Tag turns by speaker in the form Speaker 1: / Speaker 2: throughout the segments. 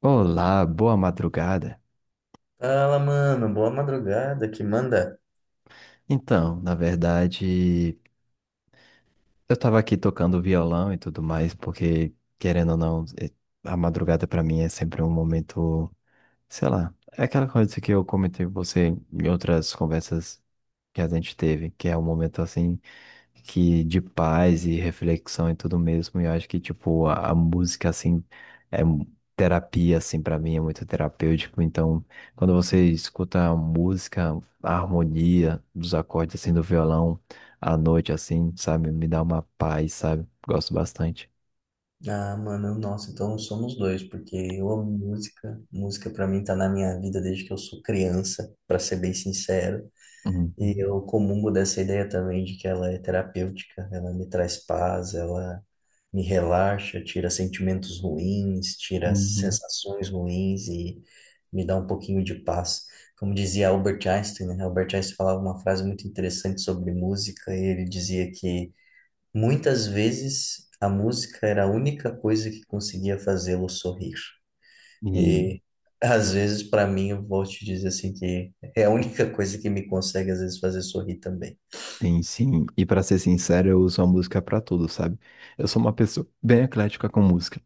Speaker 1: Olá, boa madrugada.
Speaker 2: Fala, mano, boa madrugada, que manda?
Speaker 1: Então, na verdade, eu tava aqui tocando violão e tudo mais, porque, querendo ou não, a madrugada pra mim é sempre um momento, sei lá, é aquela coisa que eu comentei com você em outras conversas que a gente teve, que é um momento assim, que de paz e reflexão e tudo mesmo. E eu acho que, tipo, a música, assim, é terapia, assim, pra mim, é muito terapêutico. Então, quando você escuta a música, a harmonia dos acordes, assim, do violão, à noite, assim, sabe, me dá uma paz, sabe? Gosto bastante.
Speaker 2: Ah, mano, nossa, então somos dois, porque eu amo música. Música pra mim tá na minha vida desde que eu sou criança, pra ser bem sincero. E
Speaker 1: Uhum,
Speaker 2: eu comungo dessa ideia também de que ela é terapêutica, ela me traz paz, ela me relaxa, tira sentimentos ruins, tira
Speaker 1: uhum.
Speaker 2: sensações ruins e me dá um pouquinho de paz. Como dizia Albert Einstein, né? Albert Einstein falava uma frase muito interessante sobre música, e ele dizia que muitas vezes a música era a única coisa que conseguia fazê-lo sorrir.
Speaker 1: E,
Speaker 2: E às vezes, para mim, eu vou te dizer assim que é a única coisa que me consegue às vezes fazer sorrir também.
Speaker 1: tem sim, e pra ser sincero, eu uso a música pra tudo, sabe? Eu sou uma pessoa bem eclética com música.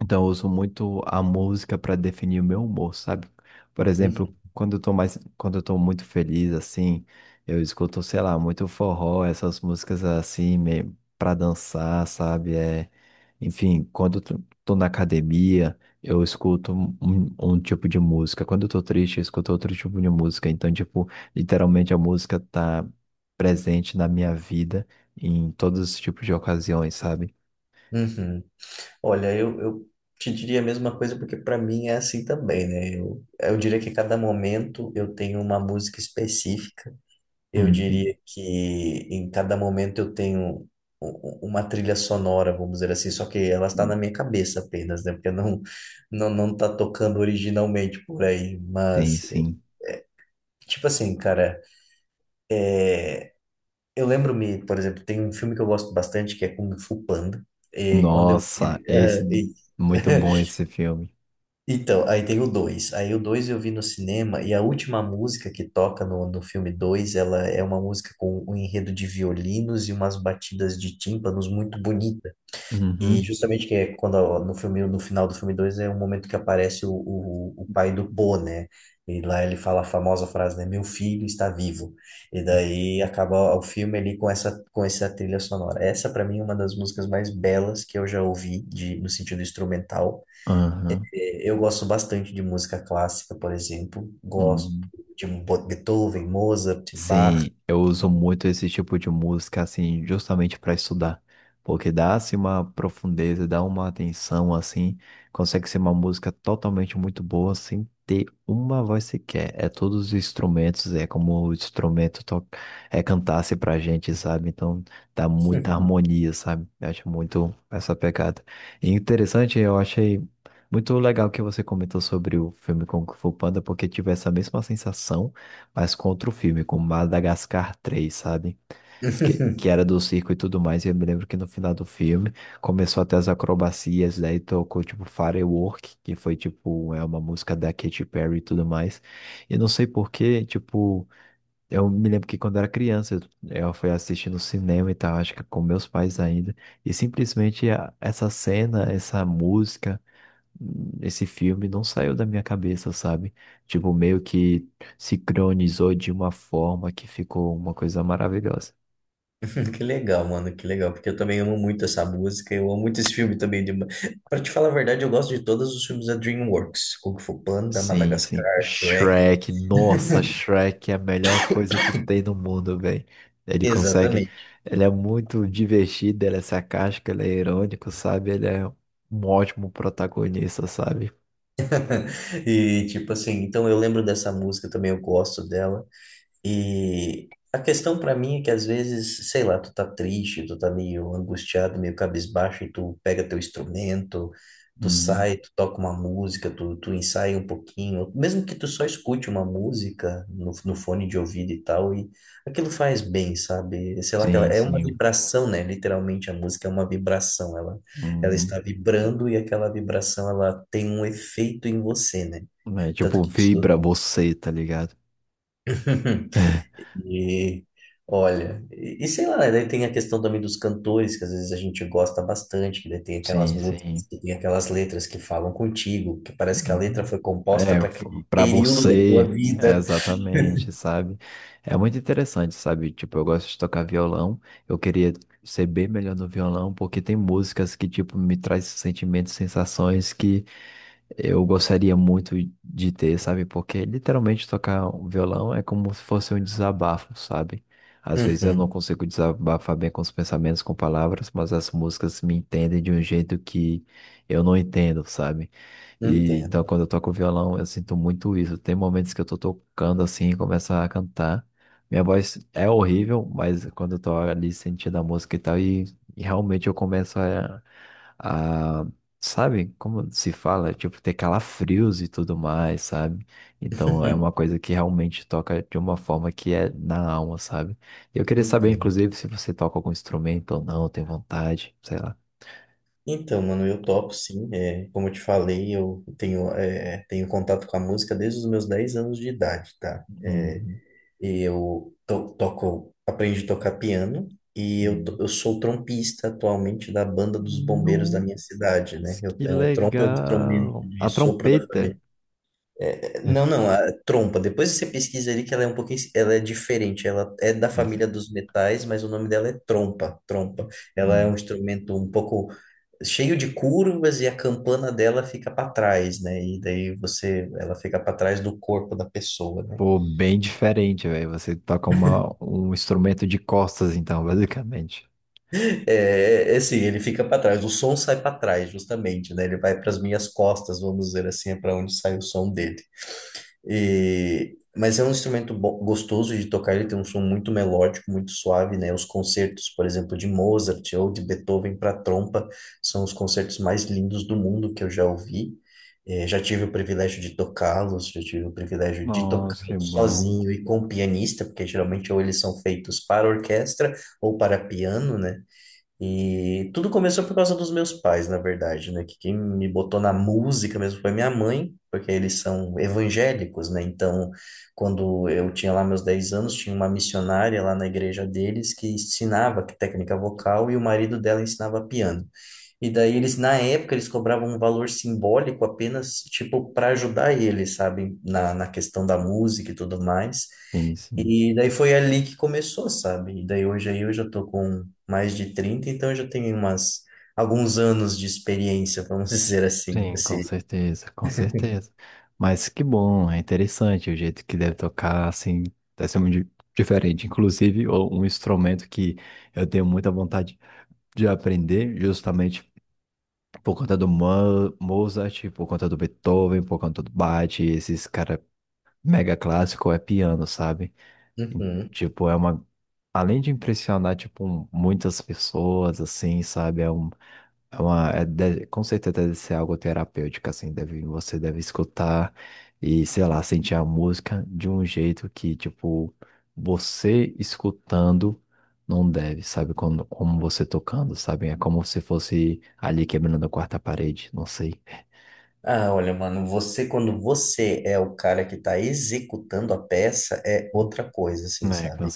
Speaker 1: Então, eu uso muito a música para definir o meu humor, sabe? Por
Speaker 2: Uhum.
Speaker 1: exemplo, quando eu tô muito feliz, assim, eu escuto, sei lá, muito forró, essas músicas assim, meio para dançar, sabe? É, enfim, quando eu tô na academia, eu escuto um tipo de música. Quando eu tô triste, eu escuto outro tipo de música. Então, tipo, literalmente a música tá presente na minha vida em todos os tipos de ocasiões, sabe?
Speaker 2: Uhum. Olha, eu te diria a mesma coisa porque para mim é assim também, né? Eu diria que cada momento eu tenho uma música específica. Eu
Speaker 1: Uhum.
Speaker 2: diria que em cada momento eu tenho u- uma trilha sonora, vamos dizer assim, só que ela está na minha cabeça apenas, né? Porque não tá tocando originalmente por aí,
Speaker 1: Sim,
Speaker 2: mas
Speaker 1: sim.
Speaker 2: tipo assim, cara, eu lembro-me, por exemplo, tem um filme que eu gosto bastante que é Kung Fu Panda. E quando
Speaker 1: Nossa, esse
Speaker 2: eh, e-
Speaker 1: muito bom esse filme.
Speaker 2: então, aí tem o dois. Aí o 2 eu vi no cinema e a última música que toca no filme dois, ela é uma música com um enredo de violinos e umas batidas de tímpanos muito bonita. E
Speaker 1: Uhum.
Speaker 2: justamente que é quando ó, no filme, no final do filme 2 é o momento que aparece o pai do Po, né? E lá ele fala a famosa frase, né? Meu filho está vivo. E daí acaba o filme ali com essa trilha sonora. Essa, para mim, é uma das músicas mais belas que eu já ouvi, de, no sentido instrumental.
Speaker 1: Aham.
Speaker 2: Eu gosto bastante de música clássica, por exemplo. Gosto
Speaker 1: Uhum.
Speaker 2: de Beethoven, Mozart, Bach.
Speaker 1: Sim, eu uso muito esse tipo de música, assim, justamente para estudar, porque dá, assim, uma profundeza, dá uma atenção, assim, consegue ser uma música totalmente muito boa, sem ter uma voz sequer. É todos os instrumentos, é como o instrumento cantasse pra gente, sabe? Então, dá muita harmonia, sabe? Eu acho muito essa pegada. E interessante, eu achei muito legal que você comentou sobre o filme Kung Fu Panda, porque tive essa mesma sensação, mas contra o filme, com Madagascar 3, sabe? Que era do circo e tudo mais. E eu me lembro que no final do filme começou até as acrobacias, daí tocou tipo Firework, que foi tipo é uma música da Katy Perry e tudo mais. E não sei por quê, tipo, eu me lembro que quando era criança, eu fui assistir no cinema e tal, acho que com meus pais ainda, e simplesmente essa cena, essa música, esse filme não saiu da minha cabeça, sabe? Tipo, meio que sincronizou de uma forma que ficou uma coisa maravilhosa.
Speaker 2: Que legal, mano, que legal, porque eu também amo muito essa música, eu amo muito esse filme também. De... Pra te falar a verdade, eu gosto de todos os filmes da DreamWorks, Kung Fu Panda,
Speaker 1: Sim,
Speaker 2: Madagascar,
Speaker 1: sim.
Speaker 2: Shrek.
Speaker 1: Shrek, nossa, Shrek é a melhor coisa que tem no mundo, velho. Ele consegue,
Speaker 2: Exatamente.
Speaker 1: ele é muito divertido, ele é sarcástico, ele é irônico, sabe? Ele é um ótimo protagonista, sabe?
Speaker 2: E tipo assim, então eu lembro dessa música também, eu gosto dela. E a questão pra mim é que às vezes, sei lá, tu tá triste, tu tá meio angustiado, meio cabisbaixo, e tu pega teu instrumento, tu
Speaker 1: Uhum.
Speaker 2: sai, tu toca uma música, tu, tu ensaia um pouquinho, mesmo que tu só escute uma música no fone de ouvido e tal, e aquilo faz bem, sabe? Sei lá, aquela,
Speaker 1: Sim,
Speaker 2: é uma
Speaker 1: sim.
Speaker 2: vibração, né? Literalmente a música é uma vibração, ela
Speaker 1: Uhum.
Speaker 2: está vibrando e aquela vibração, ela tem um efeito em você, né?
Speaker 1: É,
Speaker 2: Tanto
Speaker 1: tipo,
Speaker 2: que
Speaker 1: vibra você, tá ligado?
Speaker 2: e olha, e sei lá, né, daí tem a questão também dos cantores, que às vezes a gente gosta bastante, que daí tem aquelas
Speaker 1: Sim,
Speaker 2: músicas,
Speaker 1: sim.
Speaker 2: que tem aquelas letras que falam contigo, que parece que a letra
Speaker 1: Uhum.
Speaker 2: foi composta
Speaker 1: É,
Speaker 2: para aquele
Speaker 1: para
Speaker 2: período da tua
Speaker 1: você, é
Speaker 2: vida.
Speaker 1: exatamente, sabe? É muito interessante, sabe? Tipo, eu gosto de tocar violão, eu queria ser bem melhor no violão, porque tem músicas que, tipo, me traz sentimentos, sensações que eu gostaria muito de ter, sabe? Porque literalmente tocar um violão é como se fosse um desabafo, sabe? Às vezes eu não
Speaker 2: Uhum,
Speaker 1: consigo desabafar bem com os pensamentos, com palavras, mas as músicas me entendem de um jeito que eu não entendo, sabe? E
Speaker 2: entendo.
Speaker 1: então quando eu toco violão, eu sinto muito isso. Tem momentos que eu tô tocando assim e começo a cantar. Minha voz é horrível, mas quando eu tô ali sentindo a música e tal, e realmente eu começo a. Sabe como se fala? Tipo, ter calafrios e tudo mais, sabe? Então é uma coisa que realmente toca de uma forma que é na alma, sabe? Eu queria saber,
Speaker 2: Entendo.
Speaker 1: inclusive, se você toca algum instrumento ou não, tem vontade, sei lá.
Speaker 2: Então, mano, eu topo sim. Como eu te falei, eu tenho, tenho contato com a música desde os meus 10 anos de idade, tá?
Speaker 1: Uhum,
Speaker 2: Eu to toco, aprendi a tocar piano e
Speaker 1: uhum.
Speaker 2: eu sou trompista atualmente da banda dos bombeiros da
Speaker 1: Nossa,
Speaker 2: minha cidade, né?
Speaker 1: que
Speaker 2: O trompa é um instrumento
Speaker 1: legal!
Speaker 2: de
Speaker 1: A
Speaker 2: sopro da
Speaker 1: trompeta.
Speaker 2: família. Não, não, a trompa. Depois você pesquisa ali que ela é um pouquinho, ela é diferente. Ela é da
Speaker 1: É assim.
Speaker 2: família dos metais, mas o nome dela é trompa. Ela é um instrumento um pouco cheio de curvas e a campana dela fica para trás, né? E daí você, ela fica para trás do corpo da pessoa, né?
Speaker 1: Pô, bem diferente, velho. Você toca um instrumento de costas, então, basicamente.
Speaker 2: É, é assim, ele fica para trás, o som sai para trás, justamente, né? Ele vai para as minhas costas, vamos dizer assim, é para onde sai o som dele. E, mas é um instrumento gostoso de tocar, ele tem um som muito melódico, muito suave, né? Os concertos, por exemplo, de Mozart ou de Beethoven para trompa, são os concertos mais lindos do mundo que eu já ouvi. Já tive o privilégio de tocá-los, já tive o privilégio de
Speaker 1: Nossa, que
Speaker 2: tocá-los
Speaker 1: bom.
Speaker 2: sozinho e com pianista, porque geralmente ou eles são feitos para orquestra ou para piano, né? E tudo começou por causa dos meus pais, na verdade, né? Que quem me botou na música mesmo foi minha mãe, porque eles são evangélicos, né? Então, quando eu tinha lá meus 10 anos, tinha uma missionária lá na igreja deles que ensinava técnica vocal e o marido dela ensinava piano. E daí eles, na época, eles cobravam um valor simbólico apenas, tipo, para ajudar eles, sabe? Na questão da música e tudo mais.
Speaker 1: Sim, sim.
Speaker 2: E daí foi ali que começou, sabe? E daí hoje aí eu já tô com mais de 30, então eu já tenho alguns anos de experiência, vamos dizer assim,
Speaker 1: Sim, com
Speaker 2: nesse.
Speaker 1: certeza, com certeza. Mas que bom, é interessante o jeito que deve tocar, assim, deve ser muito diferente. Inclusive, um instrumento que eu tenho muita vontade de aprender justamente por conta do Mozart, por conta do Beethoven, por conta do Bach, esses cara mega clássico é piano, sabe? E,
Speaker 2: Uhum.
Speaker 1: tipo, é uma além de impressionar tipo muitas pessoas assim, sabe? É uma, com certeza deve ser algo terapêutico, assim, deve, você deve escutar e, sei lá, sentir a música de um jeito que, tipo, você escutando não deve, sabe? Como você tocando, sabe? É como se fosse ali quebrando a quarta parede, não sei.
Speaker 2: Ah, olha, mano, quando você é o cara que tá executando a peça, é outra coisa, assim,
Speaker 1: É, com
Speaker 2: sabe?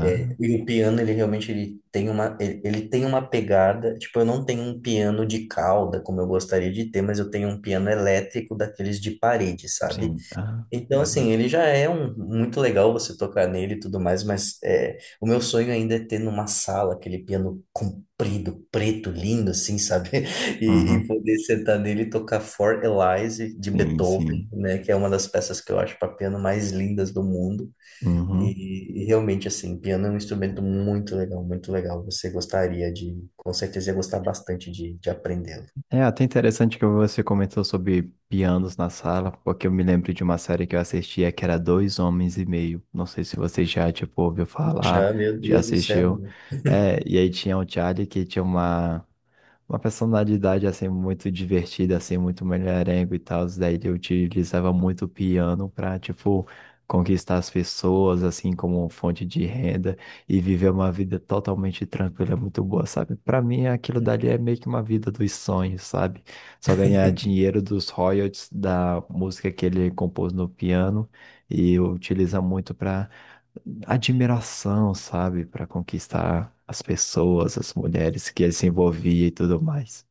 Speaker 2: É, e o piano, ele realmente ele tem ele tem uma pegada. Tipo, eu não tenho um piano de cauda, como eu gostaria de ter, mas eu tenho um piano elétrico daqueles de parede, sabe?
Speaker 1: Sim. Ah,
Speaker 2: Então, assim,
Speaker 1: uhum.
Speaker 2: ele já é um, muito legal você tocar nele e tudo mais, mas o meu sonho ainda é ter numa sala aquele piano comprido, preto, lindo, assim, sabe? E, e
Speaker 1: Uhum.
Speaker 2: poder sentar nele e tocar For Elise de
Speaker 1: Sim,
Speaker 2: Beethoven,
Speaker 1: sim.
Speaker 2: né? Que é uma das peças que eu acho para piano mais lindas do mundo.
Speaker 1: Uhum.
Speaker 2: E realmente, assim, piano é um instrumento muito legal, muito legal. Você gostaria de, com certeza, ia gostar bastante de aprendê-lo.
Speaker 1: É até interessante que você comentou sobre pianos na sala, porque eu me lembro de uma série que eu assistia que era Dois Homens e Meio. Não sei se você já, tipo, ouviu falar,
Speaker 2: Já, meu
Speaker 1: já
Speaker 2: Deus do céu,
Speaker 1: assistiu.
Speaker 2: né?
Speaker 1: É, e aí tinha o Charlie que tinha uma personalidade assim muito divertida, assim, muito mulherengo e tal. Daí eu utilizava muito o piano pra, tipo, conquistar as pessoas, assim, como fonte de renda e viver uma vida totalmente tranquila, muito boa, sabe? Para mim, aquilo dali é meio que uma vida dos sonhos, sabe? Só ganhar dinheiro dos royalties da música que ele compôs no piano e utiliza muito pra admiração, sabe, para conquistar as pessoas, as mulheres que ele se envolvia e tudo mais.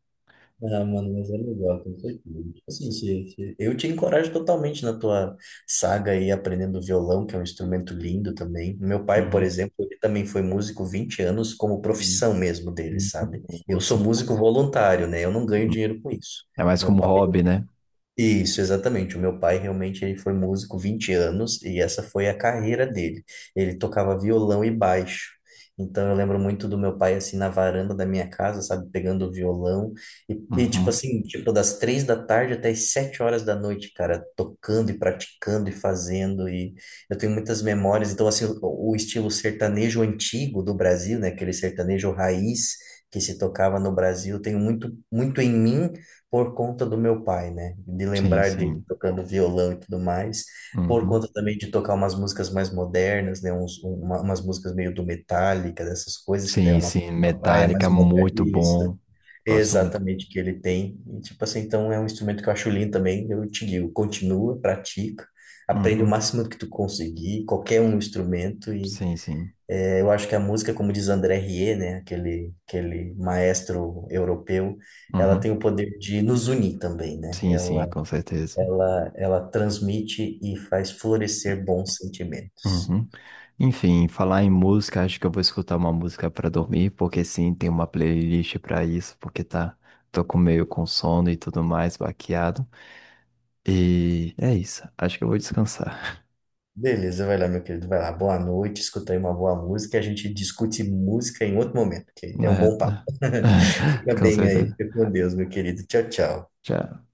Speaker 2: Ah, mano, mas é legal, com certeza. Tipo assim, eu te encorajo totalmente na tua saga aí aprendendo violão, que é um instrumento lindo também. Meu pai, por
Speaker 1: Uhum.
Speaker 2: exemplo, ele também foi músico 20 anos como
Speaker 1: Hum,
Speaker 2: profissão mesmo dele,
Speaker 1: hum.
Speaker 2: sabe? Eu sou
Speaker 1: Nossa.
Speaker 2: músico voluntário, né? Eu não ganho
Speaker 1: Uhum.
Speaker 2: dinheiro com isso.
Speaker 1: É mais
Speaker 2: Meu
Speaker 1: como
Speaker 2: pai
Speaker 1: hobby, né?
Speaker 2: Isso, exatamente. O meu pai realmente ele foi músico 20 anos e essa foi a carreira dele. Ele tocava violão e baixo. Então eu lembro muito do meu pai assim na varanda da minha casa, sabe, pegando o violão e, tipo
Speaker 1: Uhum.
Speaker 2: assim, tipo das 3 da tarde até as 7 horas da noite, cara, tocando e praticando e fazendo e eu tenho muitas memórias. Então assim, o estilo sertanejo antigo do Brasil, né, aquele sertanejo raiz que se tocava no Brasil, eu tenho muito em mim por conta do meu pai, né? De
Speaker 1: Sim,
Speaker 2: lembrar de
Speaker 1: sim.
Speaker 2: tocando violão e tudo mais, por
Speaker 1: Uhum.
Speaker 2: conta também de tocar umas músicas mais modernas, né? Umas músicas meio do Metallica, dessas coisas, que daí é
Speaker 1: Sim, sim.
Speaker 2: uma praia
Speaker 1: Metallica,
Speaker 2: mais moderna.
Speaker 1: muito
Speaker 2: Isso,
Speaker 1: bom. Gosto muito.
Speaker 2: exatamente, que ele tem. E, tipo assim, então é um instrumento que eu acho lindo também, eu te digo, continua, pratica, aprende o
Speaker 1: Uhum.
Speaker 2: máximo que tu conseguir, qualquer um instrumento.
Speaker 1: Sim, sim.
Speaker 2: Eu acho que a música, como diz André Rieu, né, aquele maestro europeu, ela tem
Speaker 1: Uhum.
Speaker 2: o poder de nos unir também, né?
Speaker 1: Sim, sim, com certeza.
Speaker 2: Ela transmite e faz florescer bons sentimentos.
Speaker 1: Uhum. Enfim, falar em música, acho que eu vou escutar uma música pra dormir, porque sim, tem uma playlist pra isso, porque tá, tô com meio com sono e tudo mais, baqueado. E é isso, acho que eu vou descansar.
Speaker 2: Beleza, vai lá, meu querido, vai lá. Boa noite, escuta aí uma boa música. A gente discute música em outro momento, que é um
Speaker 1: É,
Speaker 2: bom papo.
Speaker 1: tá.
Speaker 2: Fica
Speaker 1: Com
Speaker 2: bem aí,
Speaker 1: certeza.
Speaker 2: fica com Deus, meu querido. Tchau, tchau.
Speaker 1: Tchau.